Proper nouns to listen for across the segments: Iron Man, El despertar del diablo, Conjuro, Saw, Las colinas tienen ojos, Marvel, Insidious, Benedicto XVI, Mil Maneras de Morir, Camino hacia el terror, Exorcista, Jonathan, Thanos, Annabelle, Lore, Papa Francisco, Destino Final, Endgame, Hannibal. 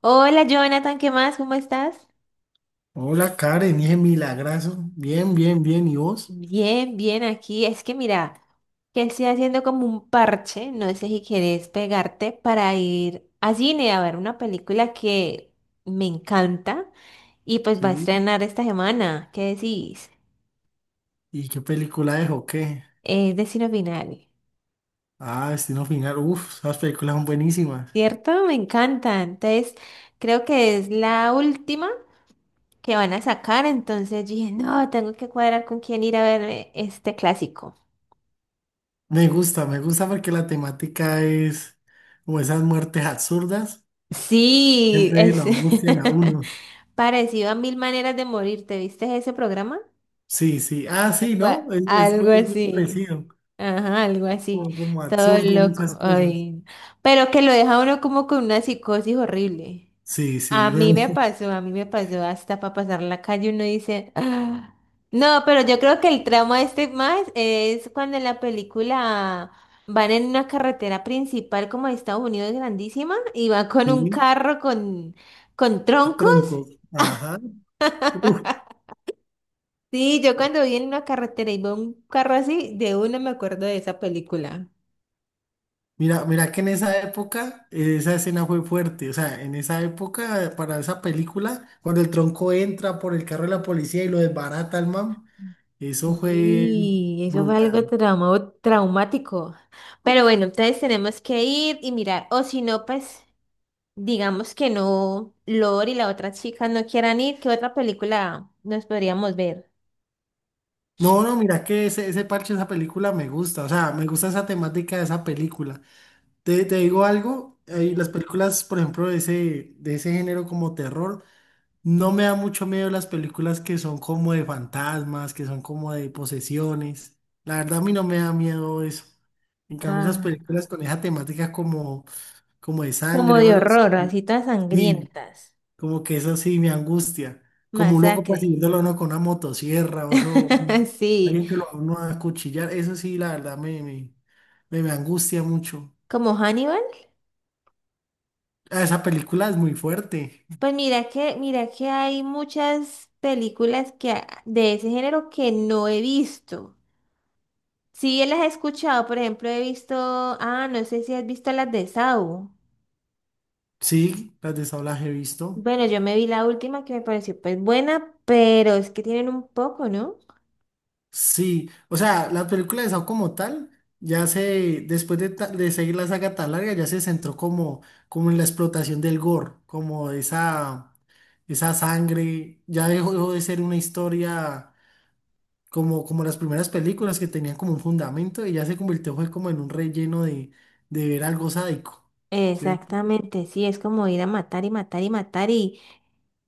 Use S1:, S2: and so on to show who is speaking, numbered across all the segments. S1: Hola Jonathan, ¿qué más? ¿Cómo estás?
S2: Hola Karen, dije milagrazo. Bien, bien, bien. ¿Y vos?
S1: Bien, bien, aquí. Es que mira, que estoy haciendo como un parche, no sé si quieres pegarte para ir a cine a ver una película que me encanta y pues va a
S2: Sí.
S1: estrenar esta semana. ¿Qué decís?
S2: ¿Y qué película es o qué?
S1: Es Destino Final,
S2: Ah, Destino Final. Uf, esas películas son buenísimas.
S1: ¿cierto? Me encanta. Entonces, creo que es la última que van a sacar, entonces dije, no, tengo que cuadrar con quién ir a ver este clásico.
S2: Me gusta porque la temática es como esas muertes absurdas.
S1: Sí,
S2: Siempre
S1: es
S2: lo angustian a uno.
S1: parecido a Mil Maneras de Morir. ¿Te viste ese programa?
S2: Sí, sí. Ah, sí,
S1: Algo,
S2: ¿no? Es muy
S1: algo así.
S2: parecido.
S1: Ajá, algo así.
S2: Como, como
S1: Todo
S2: absurdo
S1: loco.
S2: muchas cosas.
S1: Ay. Pero que lo deja uno como con una psicosis horrible.
S2: Sí, sí.
S1: A mí me pasó, a mí me pasó hasta para pasar la calle uno dice, "Ah". No, pero yo creo que el trauma este más es cuando en la película van en una carretera principal como de Estados Unidos grandísima y va con un
S2: Sí,
S1: carro con troncos.
S2: troncos. Ajá. Uf.
S1: Sí, yo cuando vi en una carretera y veo un carro así, de una me acuerdo de esa película.
S2: Mira, mira que en esa época esa escena fue fuerte, o sea, en esa época para esa película, cuando el tronco entra por el carro de la policía y lo desbarata al man, eso fue
S1: Sí, eso fue algo
S2: brutal.
S1: traumático. Pero bueno, entonces tenemos que ir y mirar, o si no, pues digamos que no, Lore y la otra chica no quieran ir, ¿qué otra película nos podríamos ver?
S2: No, no, mira que ese parche de esa película me gusta, o sea, me gusta esa temática de esa película. Te digo algo, las
S1: Bien.
S2: películas, por ejemplo, de ese género como terror. No me da mucho miedo las películas que son como de fantasmas, que son como de posesiones. La verdad a mí no me da miedo eso. En cambio esas
S1: Ah,
S2: películas con esa temática como, como de
S1: como
S2: sangre o
S1: de
S2: algo así,
S1: horror, así todas
S2: sí,
S1: sangrientas.
S2: como que eso sí me angustia. Como un loco
S1: Masacre.
S2: persiguiéndolo a uno con una motosierra o eso,
S1: Sí,
S2: alguien que lo va a uno a acuchillar, eso sí la verdad me angustia mucho.
S1: como Hannibal.
S2: Ah, esa película es muy fuerte.
S1: Pues mira que hay muchas películas que, de ese género que no he visto. Sí, las he escuchado, por ejemplo, he visto, ah, no sé si has visto las de Saw.
S2: Sí, las de Saw las he visto.
S1: Bueno, yo me vi la última que me pareció pues buena, pero es que tienen un poco, ¿no?
S2: Sí, o sea, la película de Saw como tal, ya se, después de, de seguir la saga tan larga, ya se centró como, como en la explotación del gore, como esa sangre, ya dejó, dejó de ser una historia como, como las primeras películas que tenían como un fundamento y ya se convirtió fue como en un relleno de ver algo sádico. ¿Sí me
S1: Exactamente, sí, es como ir a matar y matar y matar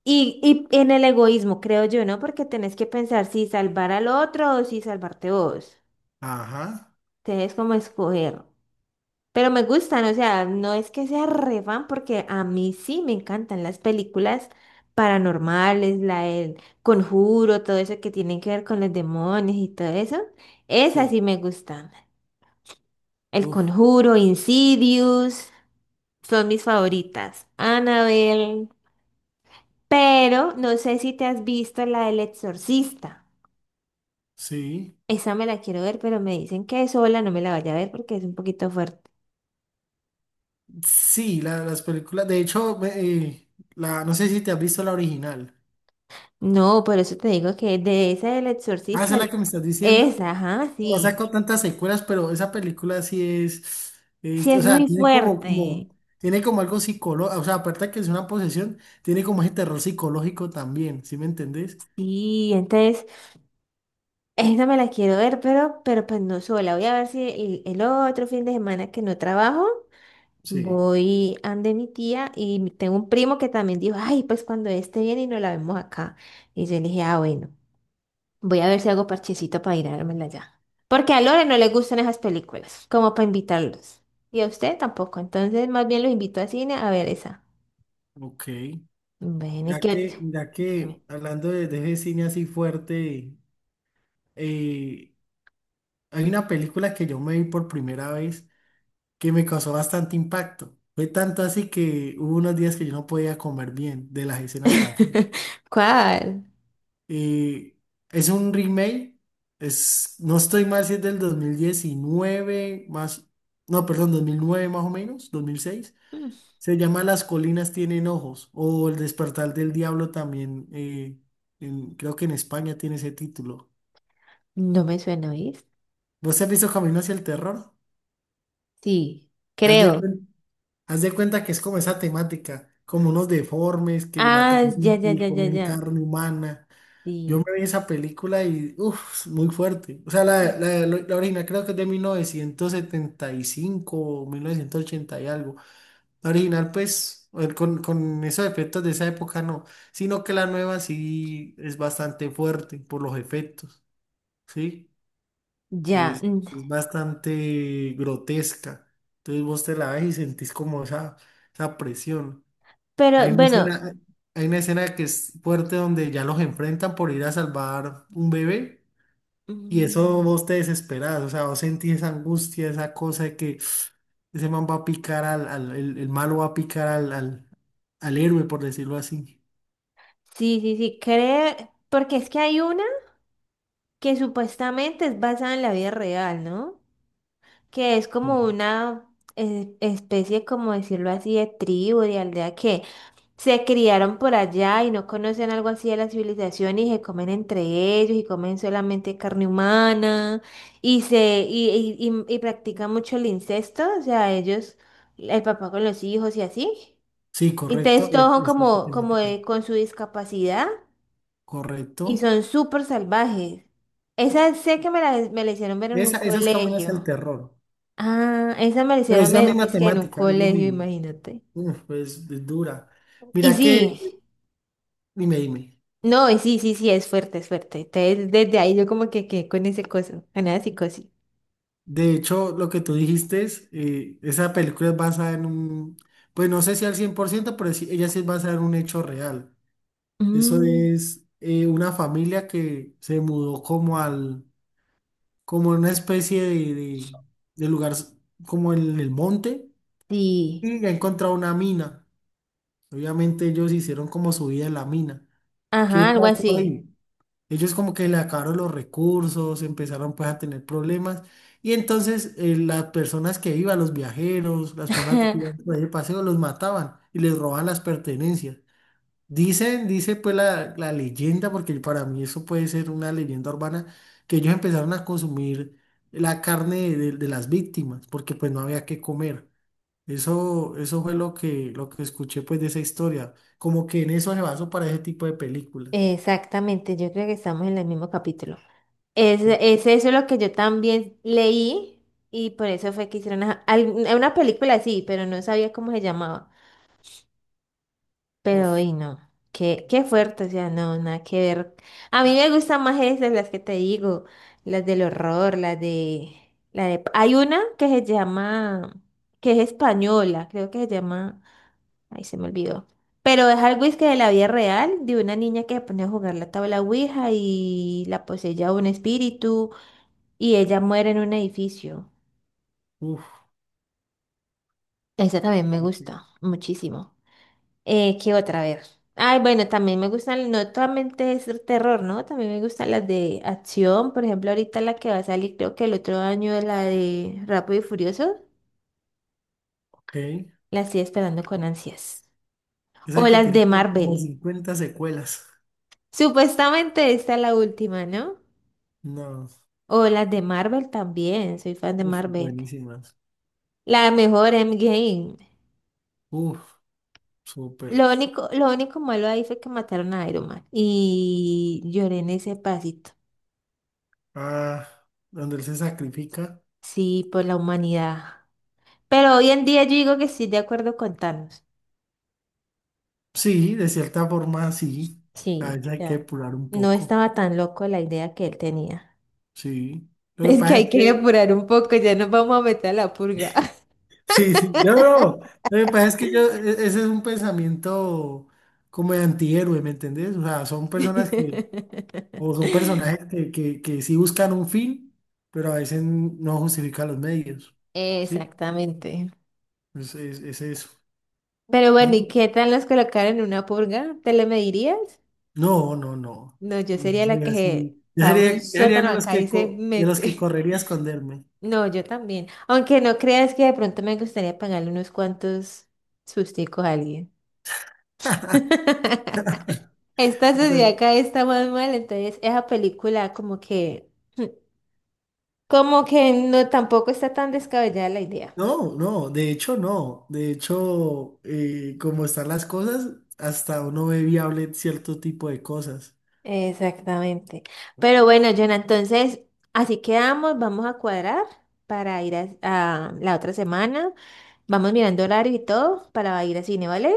S1: y en el egoísmo, creo yo, ¿no? Porque tenés que pensar si salvar al otro o si salvarte vos.
S2: Ajá,
S1: Tenés como escoger. Pero me gustan, o sea, no es que sea re fan porque a mí sí me encantan las películas paranormales, la del Conjuro, todo eso que tienen que ver con los demonios y todo eso. Esas
S2: sí,
S1: sí me gustan. El
S2: uf,
S1: Conjuro, Insidious, son mis favoritas. Annabelle. Pero no sé si te has visto la del Exorcista.
S2: sí,
S1: Esa me la quiero ver, pero me dicen que sola no me la vaya a ver porque es un poquito fuerte.
S2: sí, las películas, de hecho, la, no sé si te has visto la original.
S1: No, por eso te digo que de esa del
S2: Ah, esa
S1: Exorcista,
S2: es la que me estás diciendo.
S1: esa, ajá,
S2: No ha
S1: sí.
S2: sacado tantas secuelas, pero esa película sí es,
S1: Sí,
S2: o
S1: es
S2: sea,
S1: muy
S2: tiene como, como,
S1: fuerte.
S2: tiene como algo psicológico, o sea, aparte de que es una posesión, tiene como ese terror psicológico también, ¿sí me entendés?
S1: Sí, entonces, esa me la quiero ver, pero pues no sola. Voy a ver si el, el otro fin de semana que no trabajo,
S2: Sí,
S1: voy ande mi tía y tengo un primo que también dijo, ay, pues cuando esté bien y nos la vemos acá. Y yo le dije, ah, bueno. Voy a ver si hago parchecito para ir a dármela ya. Porque a Lore no le gustan esas películas, como para invitarlos. Y a usted tampoco, entonces más bien los invito a cine a ver esa.
S2: ok.
S1: Bueno, ¿y qué otra?
S2: Mira que, hablando de ese cine así fuerte, eh, hay una película que yo me vi por primera vez que me causó bastante impacto. Fue tanto así que hubo unos días que yo no podía comer bien de las escenas tan fuertes.
S1: ¿Cuál?
S2: Y es un remake, es, no estoy mal si es del 2019 más, no, perdón, 2009 más o menos, 2006.
S1: Mm.
S2: Se llama Las colinas tienen ojos o El despertar del diablo también, creo que en España tiene ese título.
S1: No me suena, ¿oís?
S2: ¿Vos has visto Camino hacia el terror?
S1: Sí,
S2: Haz de,
S1: creo.
S2: cuen- haz de cuenta que es como esa temática, como unos deformes que matan
S1: Ah, ya,
S2: gente
S1: ya,
S2: y
S1: ya, ya,
S2: comen
S1: ya.
S2: carne humana. Yo
S1: Sí,
S2: me vi esa película y, uff, muy fuerte. O sea, la original creo que es de 1975 o 1980 y algo. La original, pues, con esos efectos de esa época no, sino que la nueva sí es bastante fuerte por los efectos, ¿sí?
S1: ya.
S2: Es,
S1: Mm.
S2: es bastante grotesca. Entonces vos te la ves y sentís como esa presión.
S1: Pero
S2: Hay una
S1: bueno,
S2: escena- hay una escena que es fuerte donde ya los enfrentan por ir a salvar un bebé. Y eso
S1: mm,
S2: vos te desesperás, o sea, vos sentís esa angustia, esa cosa de que ese man va a picar al, el malo va a picar al, al, al héroe, por decirlo así.
S1: sí, sí, sí, creo, porque es que hay una que supuestamente es basada en la vida real, ¿no? Que es
S2: Ujú.
S1: como una especie, como decirlo así, de tribu, de aldea que se criaron por allá y no conocen algo así de la civilización y se comen entre ellos y comen solamente carne humana y se y practican mucho el incesto, o sea, ellos, el papá con los hijos y así.
S2: Sí,
S1: Y entonces
S2: correcto,
S1: todos
S2: es,
S1: son
S2: es esa
S1: como,
S2: temática.
S1: con su discapacidad y
S2: Correcto.
S1: son súper salvajes. Esa sé que me la hicieron ver en un
S2: Esa es hacia el
S1: colegio.
S2: terror,
S1: Ah, esa me la
S2: pero
S1: hicieron,
S2: es la
S1: me
S2: misma
S1: dizque en un
S2: temática, es lo
S1: colegio,
S2: mismo.
S1: imagínate.
S2: Uf, pues es dura.
S1: Y
S2: Mira que,
S1: sí,
S2: dime, dime.
S1: no, y sí, sí, sí, es fuerte, es fuerte. Entonces, desde ahí yo como que quedé con ese coso, con esa psicosis.
S2: De hecho, lo que tú dijiste es, esa película es basada en un, pues no sé si al 100% pero ella sí es basada en un hecho real. Eso
S1: Mm,
S2: es una familia que se mudó como al, como en una especie de, de lugar, como en el monte,
S1: sí,
S2: y ha encontrado una mina. Obviamente ellos hicieron como su vida en la mina. ¿Qué
S1: ajá, algo
S2: pasó
S1: así.
S2: ahí? Ellos como que le acabaron los recursos, empezaron pues a tener problemas, y entonces las personas que iban, los viajeros, las personas que iban por ahí de paseo, los mataban y les robaban las pertenencias. Dicen, dice pues la leyenda, porque para mí eso puede ser una leyenda urbana, que ellos empezaron a consumir la carne de las víctimas, porque pues no había que comer. Eso fue lo que escuché pues de esa historia. Como que en eso se basó para ese tipo de películas.
S1: Exactamente, yo creo que estamos en el mismo capítulo. Es eso lo que yo también leí y por eso fue que hicieron ajá, una película así, pero no sabía cómo se llamaba. Pero
S2: Uf,
S1: hoy no, qué, qué fuerte, o sea, no, nada que ver. A mí me gustan más esas, las que te digo, las del horror, las de, la de... Hay una que se llama, que es española, creo que se llama, ay, se me olvidó. Pero es algo es que de la vida real, de una niña que se pone a jugar la tabla Ouija y la poseía un espíritu y ella muere en un edificio.
S2: uf,
S1: Esa también me gusta muchísimo. ¿Qué otra vez? Ay, bueno, también me gustan, no solamente es terror, ¿no? También me gustan las de acción. Por ejemplo, ahorita la que va a salir, creo que el otro año la de Rápido y Furioso.
S2: ok.
S1: La estoy esperando con ansias. O
S2: Esa que
S1: las
S2: tiene
S1: de
S2: como
S1: Marvel.
S2: 50 secuelas.
S1: Supuestamente esta es la última, ¿no?
S2: No,
S1: O las de Marvel también. Soy fan de
S2: uf,
S1: Marvel.
S2: buenísimas.
S1: La mejor Endgame.
S2: Uf, súper.
S1: Lo único malo ahí fue que mataron a Iron Man. Y lloré en ese pasito.
S2: Ah, donde él se sacrifica.
S1: Sí, por la humanidad. Pero hoy en día yo digo que sí, de acuerdo con Thanos.
S2: Sí, de cierta forma sí. A
S1: Sí,
S2: veces hay que
S1: ya.
S2: depurar un
S1: No
S2: poco.
S1: estaba tan loco la idea que él tenía.
S2: Sí. Lo que
S1: Es que
S2: pasa
S1: hay
S2: es
S1: que
S2: que,
S1: apurar un poco, ya nos vamos a meter a la purga.
S2: sí, sí, no, no. Lo que pasa es que yo, ese es un pensamiento como de antihéroe, ¿me entendés? O sea, son personas que, o son personajes que, que sí buscan un fin, pero a veces no justifican los medios. Sí,
S1: Exactamente.
S2: es eso.
S1: Pero bueno, ¿y
S2: No,
S1: qué tal nos colocaron en una purga? ¿Te le medirías?
S2: no, no, no.
S1: No, yo
S2: No
S1: sería la
S2: soy
S1: que
S2: así.
S1: cava un
S2: Yo sería
S1: sótano
S2: uno de los
S1: acá y
S2: que,
S1: se
S2: de los que
S1: mete.
S2: correría a esconderme.
S1: No, yo también. Aunque no creas que de pronto me gustaría pagarle unos cuantos susticos a alguien. Esta sociedad acá está más mal, entonces esa película como que, como que no tampoco está tan descabellada la idea.
S2: No, no, de hecho no. De hecho, como están las cosas, hasta uno ve viable cierto tipo de cosas,
S1: Exactamente. Pero bueno, Jonah, entonces así quedamos, vamos a cuadrar para ir a la otra semana. Vamos mirando horario y todo para ir al cine, ¿vale?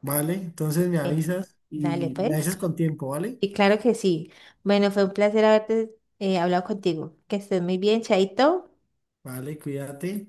S2: ¿vale? Entonces me
S1: Em,
S2: avisas
S1: Dale,
S2: y me
S1: pues.
S2: avisas con tiempo, ¿vale?
S1: Y claro que sí. Bueno, fue un placer haberte hablado contigo. Que estés muy bien, Chaito.
S2: Vale, cuídate.